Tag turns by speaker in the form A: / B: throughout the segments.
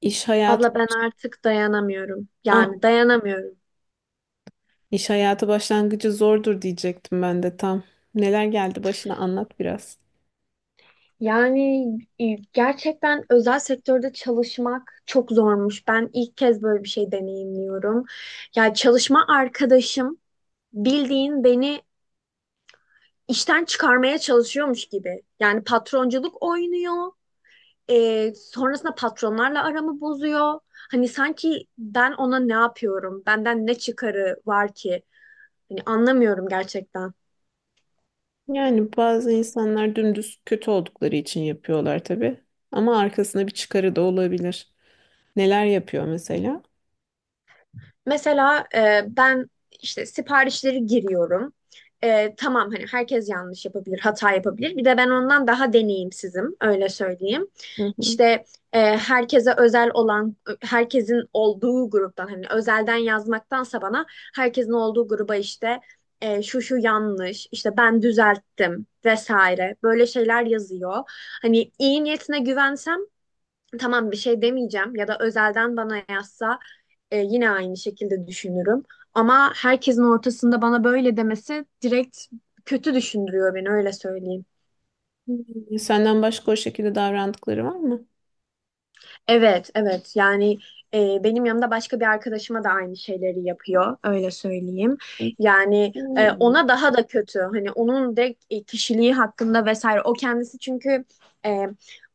A: İş hayatı
B: Abla ben
A: baş...
B: artık dayanamıyorum.
A: ah,
B: Yani dayanamıyorum.
A: iş hayatı başlangıcı zordur diyecektim ben de tam. Neler geldi başına anlat biraz.
B: Yani e, gerçekten özel sektörde çalışmak çok zormuş. Ben ilk kez böyle bir şey deneyimliyorum. Yani çalışma arkadaşım bildiğin beni işten çıkarmaya çalışıyormuş gibi. Yani patronculuk oynuyor. Sonrasında patronlarla aramı bozuyor. Hani sanki ben ona ne yapıyorum? Benden ne çıkarı var ki? Hani anlamıyorum gerçekten.
A: Yani bazı insanlar dümdüz kötü oldukları için yapıyorlar tabii. Ama arkasında bir çıkarı da olabilir. Neler yapıyor mesela?
B: Mesela ben işte siparişleri giriyorum. E, tamam hani herkes yanlış yapabilir, hata yapabilir. Bir de ben ondan daha deneyimsizim, öyle söyleyeyim.
A: Hı hı.
B: İşte herkese özel olan, herkesin olduğu gruptan hani özelden yazmaktansa bana herkesin olduğu gruba işte şu şu yanlış, işte ben düzelttim vesaire böyle şeyler yazıyor. Hani iyi niyetine güvensem tamam bir şey demeyeceğim ya da özelden bana yazsa yine aynı şekilde düşünürüm. Ama herkesin ortasında bana böyle demesi direkt kötü düşündürüyor beni öyle söyleyeyim.
A: Hmm, senden başka o şekilde davrandıkları var mı?
B: Evet, evet. Yani benim yanımda başka bir arkadaşıma da aynı şeyleri yapıyor. Öyle söyleyeyim. Yani
A: Bilmiyorum.
B: ona daha da kötü. Hani onun de kişiliği hakkında vesaire. O kendisi çünkü e,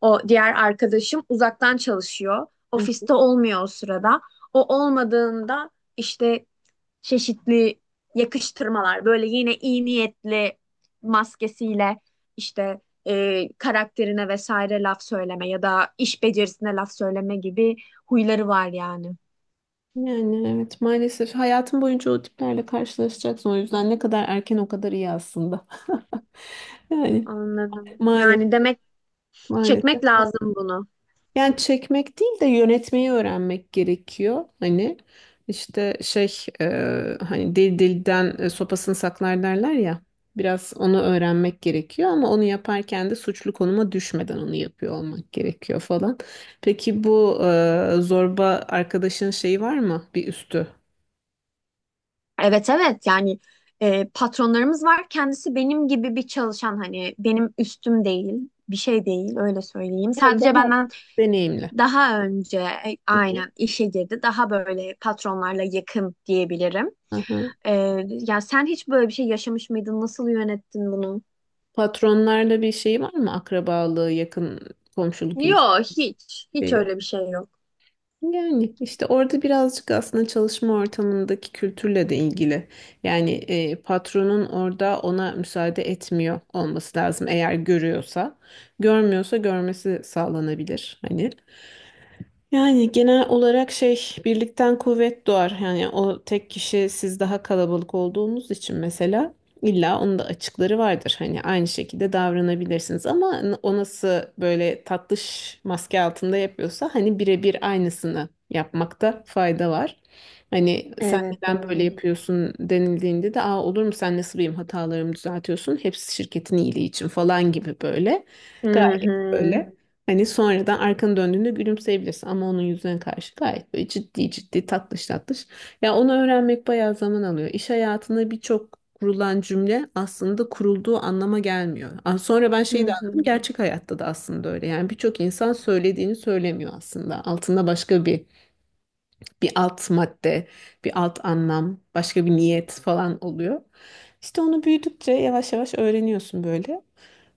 B: o diğer arkadaşım uzaktan çalışıyor.
A: Hı.
B: Ofiste olmuyor o sırada. O olmadığında işte çeşitli yakıştırmalar böyle yine iyi niyetli maskesiyle işte karakterine vesaire laf söyleme ya da iş becerisine laf söyleme gibi huyları var yani.
A: Yani evet maalesef hayatın boyunca o tiplerle karşılaşacaksın. O yüzden ne kadar erken o kadar iyi aslında. Yani
B: Anladım. Yani
A: maalesef,
B: demek çekmek
A: maalesef.
B: lazım bunu.
A: Yani çekmek değil de yönetmeyi öğrenmek gerekiyor. Hani işte şey hani dil dilden sopasını saklar derler ya. Biraz onu öğrenmek gerekiyor ama onu yaparken de suçlu konuma düşmeden onu yapıyor olmak gerekiyor falan. Peki bu zorba arkadaşın şeyi var mı? Bir üstü.
B: Evet evet yani patronlarımız var. Kendisi benim gibi bir çalışan hani benim üstüm değil. Bir şey değil öyle söyleyeyim.
A: Yani
B: Sadece
A: daha
B: benden
A: deneyimli.
B: daha önce
A: Hı hı.
B: aynen işe girdi. Daha böyle patronlarla yakın diyebilirim.
A: Hı hı.
B: E, Ya sen hiç böyle bir şey yaşamış mıydın? Nasıl yönettin bunu?
A: Patronlarla bir şey var mı? Akrabalığı, yakın komşuluk ilişkisi.
B: Yok hiç. Hiç öyle bir şey yok.
A: Yani işte orada birazcık aslında çalışma ortamındaki kültürle de ilgili. Yani patronun orada ona müsaade etmiyor olması lazım eğer görüyorsa. Görmüyorsa görmesi sağlanabilir hani. Yani genel olarak şey birlikten kuvvet doğar. Yani o tek kişi siz daha kalabalık olduğunuz için mesela illa onun da açıkları vardır. Hani aynı şekilde davranabilirsiniz ama o nasıl böyle tatlış maske altında yapıyorsa hani birebir aynısını yapmakta fayda var. Hani sen
B: Evet,
A: neden böyle
B: doğru.
A: yapıyorsun denildiğinde de aa olur mu sen nasıl benim hatalarımı düzeltiyorsun? Hepsi şirketin iyiliği için falan gibi böyle.
B: Hı
A: Gayet
B: hı.
A: böyle. Hani sonradan arkanı döndüğünde gülümseyebilirsin ama onun yüzüne karşı gayet böyle ciddi ciddi tatlış tatlış. Ya onu öğrenmek bayağı zaman alıyor. İş hayatında birçok kurulan cümle aslında kurulduğu anlama gelmiyor. Aa, sonra ben şeyi
B: Hı
A: de anladım
B: hı.
A: gerçek hayatta da aslında öyle. Yani birçok insan söylediğini söylemiyor aslında. Altında başka bir alt madde, bir alt anlam, başka bir niyet falan oluyor. İşte onu büyüdükçe yavaş yavaş öğreniyorsun böyle.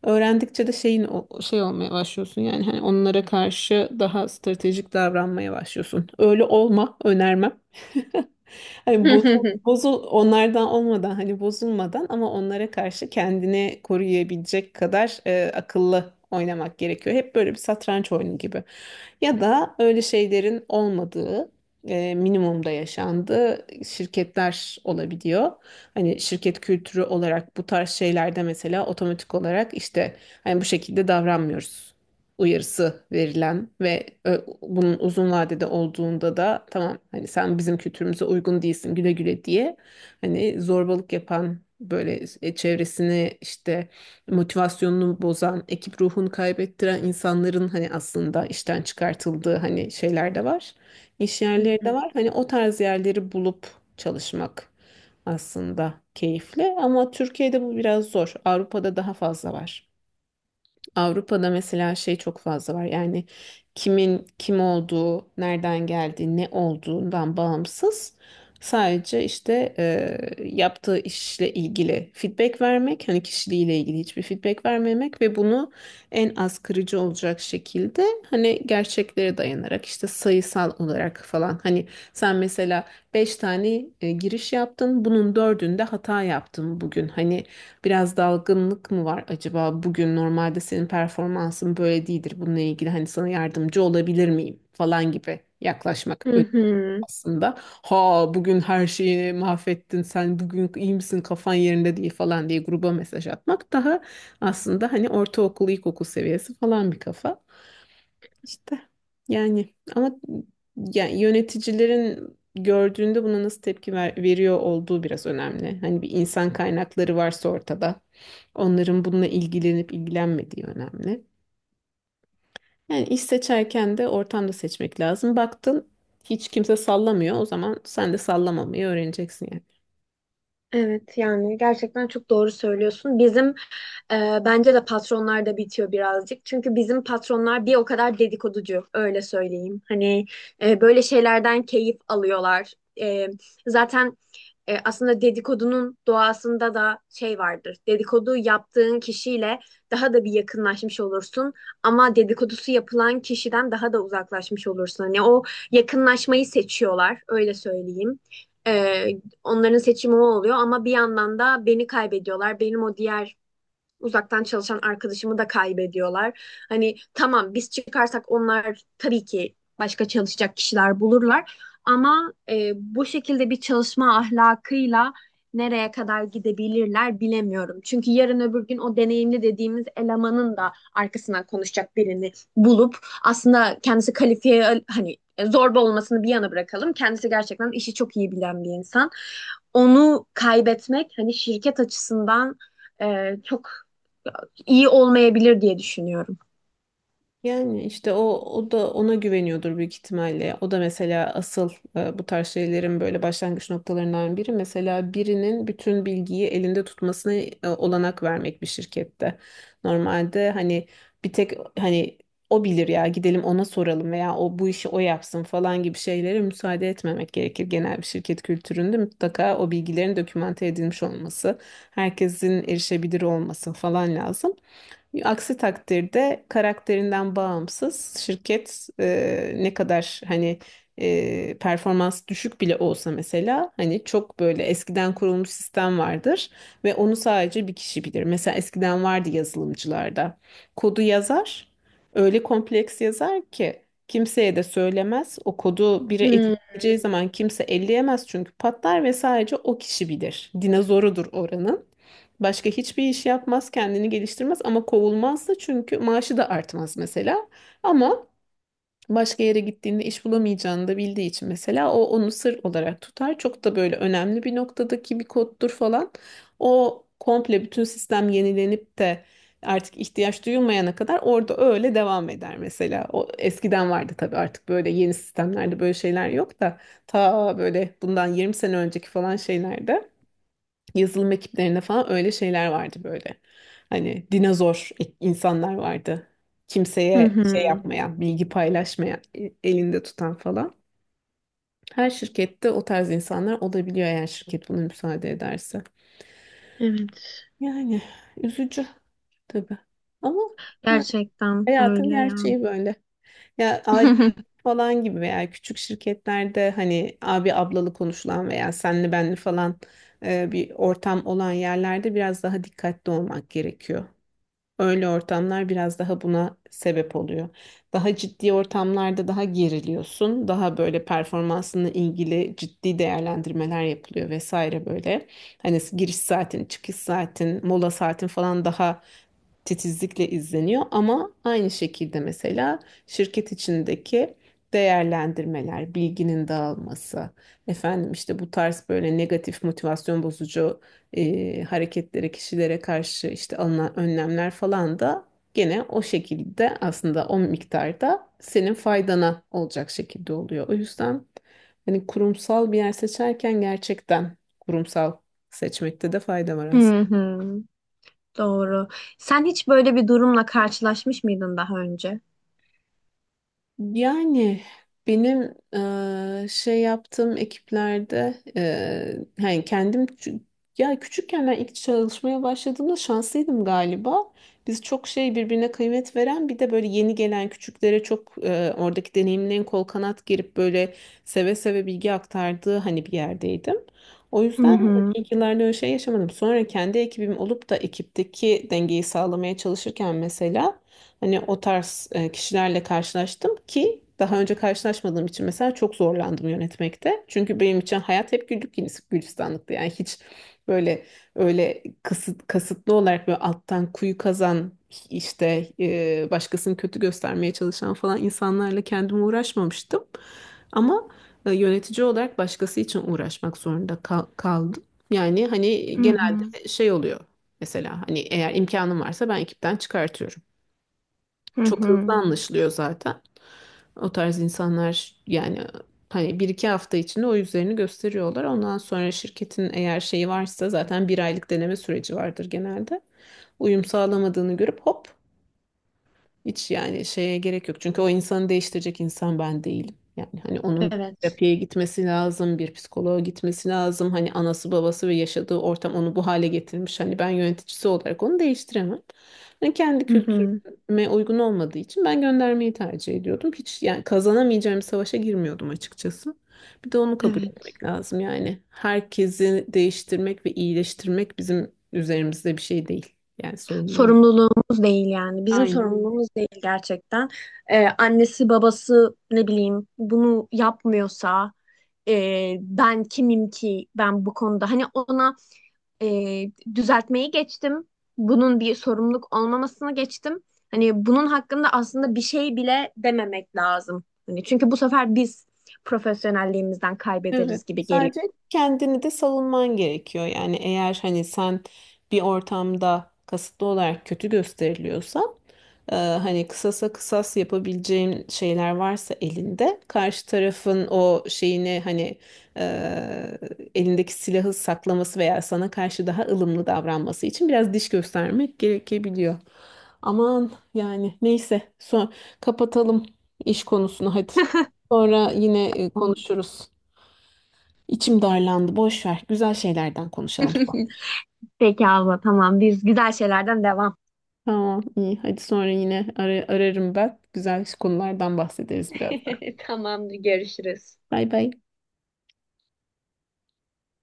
A: Öğrendikçe de şey olmaya başlıyorsun yani hani onlara karşı daha stratejik davranmaya başlıyorsun. Öyle olma, önermem. Hani bozul, bozul onlardan olmadan hani bozulmadan ama onlara karşı kendini koruyabilecek kadar akıllı oynamak gerekiyor. Hep böyle bir satranç oyunu gibi. Ya da öyle şeylerin olmadığı minimumda yaşandığı şirketler olabiliyor. Hani şirket kültürü olarak bu tarz şeylerde mesela otomatik olarak işte hani bu şekilde davranmıyoruz uyarısı verilen ve bunun uzun vadede olduğunda da tamam hani sen bizim kültürümüze uygun değilsin güle güle diye hani zorbalık yapan böyle çevresini işte motivasyonunu bozan ekip ruhunu kaybettiren insanların hani aslında işten çıkartıldığı hani şeyler de var, iş
B: Hı
A: yerleri de
B: hı.
A: var hani o tarz yerleri bulup çalışmak aslında keyifli ama Türkiye'de bu biraz zor, Avrupa'da daha fazla var. Avrupa'da mesela şey çok fazla var. Yani kimin kim olduğu, nereden geldiği, ne olduğundan bağımsız sadece işte yaptığı işle ilgili feedback vermek, hani kişiliğiyle ilgili hiçbir feedback vermemek ve bunu en az kırıcı olacak şekilde hani gerçeklere dayanarak işte sayısal olarak falan hani sen mesela 5 tane giriş yaptın, bunun dördünde hata yaptın bugün. Hani, biraz dalgınlık mı var acaba? Bugün normalde senin performansın böyle değildir. Bununla ilgili hani sana yardımcı olabilir miyim falan gibi yaklaşmak
B: Hı
A: önemli
B: hı.
A: aslında. Ha, bugün her şeyi mahvettin sen, bugün iyi misin, kafan yerinde değil falan diye gruba mesaj atmak daha aslında hani ortaokul ilkokul seviyesi falan bir kafa. İşte yani ama yani yöneticilerin gördüğünde buna nasıl tepki veriyor olduğu biraz önemli. Hani bir insan kaynakları varsa ortada onların bununla ilgilenip ilgilenmediği önemli. Yani iş seçerken de ortamda seçmek lazım. Baktın hiç kimse sallamıyor, o zaman sen de sallamamayı öğreneceksin yani.
B: Evet, yani gerçekten çok doğru söylüyorsun. Bizim e, bence de patronlar da bitiyor birazcık. Çünkü bizim patronlar bir o kadar dedikoducu öyle söyleyeyim. Hani böyle şeylerden keyif alıyorlar. E, Zaten aslında dedikodunun doğasında da şey vardır. Dedikodu yaptığın kişiyle daha da bir yakınlaşmış olursun ama dedikodusu yapılan kişiden daha da uzaklaşmış olursun. Hani o yakınlaşmayı seçiyorlar, öyle söyleyeyim. E, Onların seçimi o oluyor ama bir yandan da beni kaybediyorlar. Benim o diğer uzaktan çalışan arkadaşımı da kaybediyorlar. Hani tamam biz çıkarsak onlar tabii ki başka çalışacak kişiler bulurlar. Ama bu şekilde bir çalışma ahlakıyla nereye kadar gidebilirler bilemiyorum. Çünkü yarın öbür gün o deneyimli dediğimiz elemanın da arkasından konuşacak birini bulup aslında kendisi kalifiye hani zorba olmasını bir yana bırakalım. Kendisi gerçekten işi çok iyi bilen bir insan. Onu kaybetmek hani şirket açısından çok iyi olmayabilir diye düşünüyorum.
A: Yani işte o da ona güveniyordur büyük ihtimalle. O da mesela asıl bu tarz şeylerin böyle başlangıç noktalarından biri. Mesela birinin bütün bilgiyi elinde tutmasına olanak vermek bir şirkette. Normalde hani bir tek hani o bilir ya gidelim ona soralım veya o bu işi o yapsın falan gibi şeylere müsaade etmemek gerekir. Genel bir şirket kültüründe mutlaka o bilgilerin dokümante edilmiş olması, herkesin erişebilir olması falan lazım. Aksi takdirde karakterinden bağımsız şirket ne kadar hani performans düşük bile olsa mesela hani çok böyle eskiden kurulmuş sistem vardır ve onu sadece bir kişi bilir. Mesela eskiden vardı yazılımcılarda. Kodu yazar, öyle kompleks yazar ki kimseye de söylemez. O kodu biri
B: Hı
A: editleyeceği zaman kimse elleyemez çünkü patlar ve sadece o kişi bilir. Dinozorudur oranın. Başka hiçbir iş yapmaz, kendini geliştirmez ama kovulmaz da çünkü maaşı da artmaz mesela. Ama başka yere gittiğinde iş bulamayacağını da bildiği için mesela o onu sır olarak tutar. Çok da böyle önemli bir noktadaki bir koddur falan. O komple bütün sistem yenilenip de artık ihtiyaç duyulmayana kadar orada öyle devam eder mesela. O eskiden vardı tabii, artık böyle yeni sistemlerde böyle şeyler yok da ta böyle bundan 20 sene önceki falan şeylerde, yazılım ekiplerinde falan öyle şeyler vardı böyle. Hani dinozor insanlar vardı.
B: hı.
A: Kimseye şey
B: Hı.
A: yapmayan, bilgi paylaşmayan, elinde tutan falan. Her şirkette o tarz insanlar olabiliyor eğer şirket buna müsaade ederse.
B: Evet.
A: Yani üzücü tabii. Ama yani
B: Gerçekten
A: hayatın
B: öyle ya.
A: gerçeği böyle. Ya aile falan gibi veya küçük şirketlerde hani abi ablalı konuşulan veya senli benli falan bir ortam olan yerlerde biraz daha dikkatli olmak gerekiyor. Öyle ortamlar biraz daha buna sebep oluyor. Daha ciddi ortamlarda daha geriliyorsun. Daha böyle performansınla ilgili ciddi değerlendirmeler yapılıyor vesaire böyle. Hani giriş saatin, çıkış saatin, mola saatin falan daha titizlikle izleniyor ama aynı şekilde mesela şirket içindeki değerlendirmeler, bilginin dağılması, efendim işte bu tarz böyle negatif motivasyon bozucu hareketlere, kişilere karşı işte alınan önlemler falan da gene o şekilde aslında o miktarda senin faydana olacak şekilde oluyor. O yüzden hani kurumsal bir yer seçerken gerçekten kurumsal seçmekte de fayda var
B: Hı
A: aslında.
B: hı. Doğru. Sen hiç böyle bir durumla karşılaşmış mıydın daha önce?
A: Yani benim şey yaptığım ekiplerde yani kendim ya küçükken ben ilk çalışmaya başladığımda şanslıydım galiba. Biz çok şey birbirine kıymet veren bir de böyle yeni gelen küçüklere çok oradaki deneyimlerin kol kanat girip böyle seve seve bilgi aktardığı hani bir yerdeydim. O
B: Hı
A: yüzden hani
B: hı.
A: ilk yıllarda öyle şey yaşamadım. Sonra kendi ekibim olup da ekipteki dengeyi sağlamaya çalışırken mesela hani o tarz kişilerle karşılaştım ki daha önce karşılaşmadığım için mesela çok zorlandım yönetmekte. Çünkü benim için hayat hep güllük gülistanlıktı. Yani hiç böyle öyle kasıtlı olarak böyle alttan kuyu kazan işte başkasını kötü göstermeye çalışan falan insanlarla kendime uğraşmamıştım. Ama yönetici olarak başkası için uğraşmak zorunda kaldım. Yani hani
B: Hı hı.
A: genelde şey oluyor. Mesela hani eğer imkanım varsa ben ekipten çıkartıyorum.
B: Hı
A: Çok hızlı
B: hı.
A: anlaşılıyor zaten. O tarz insanlar yani hani bir iki hafta içinde o yüzlerini gösteriyorlar. Ondan sonra şirketin eğer şeyi varsa zaten bir aylık deneme süreci vardır genelde. Uyum sağlamadığını görüp hop, hiç yani şeye gerek yok. Çünkü o insanı değiştirecek insan ben değilim. Yani hani onun
B: Evet.
A: terapiye gitmesi lazım, bir psikoloğa gitmesi lazım. Hani anası babası ve yaşadığı ortam onu bu hale getirmiş. Hani ben yöneticisi olarak onu değiştiremem. Yani kendi
B: Hı hı.
A: kültürüme uygun olmadığı için ben göndermeyi tercih ediyordum. Hiç yani kazanamayacağım bir savaşa girmiyordum açıkçası. Bir de onu kabul
B: Evet.
A: etmek lazım yani. Herkesi değiştirmek ve iyileştirmek bizim üzerimizde bir şey değil. Yani sorumluluğumuz.
B: Sorumluluğumuz değil yani. Bizim
A: Aynen.
B: sorumluluğumuz değil gerçekten. Annesi babası ne bileyim bunu yapmıyorsa ben kimim ki ben bu konuda hani ona e, düzeltmeyi geçtim. Bunun bir sorumluluk olmamasını geçtim. Hani bunun hakkında aslında bir şey bile dememek lazım. Hani çünkü bu sefer biz profesyonelliğimizden
A: Evet.
B: kaybederiz gibi geliyor.
A: Sadece kendini de savunman gerekiyor. Yani eğer hani sen bir ortamda kasıtlı olarak kötü gösteriliyorsa hani kısasa kısas yapabileceğin şeyler varsa elinde, karşı tarafın o şeyini hani e, elindeki silahı saklaması veya sana karşı daha ılımlı davranması için biraz diş göstermek gerekebiliyor. Aman yani neyse, son kapatalım iş konusunu hadi. Sonra yine konuşuruz. İçim darlandı. Boş ver. Güzel şeylerden konuşalım.
B: Peki abla, tamam, biz güzel şeylerden devam.
A: Tamam, iyi. Hadi sonra yine ararım ben. Güzel konulardan bahsederiz biraz da.
B: Tamamdır, görüşürüz.
A: Bay bay.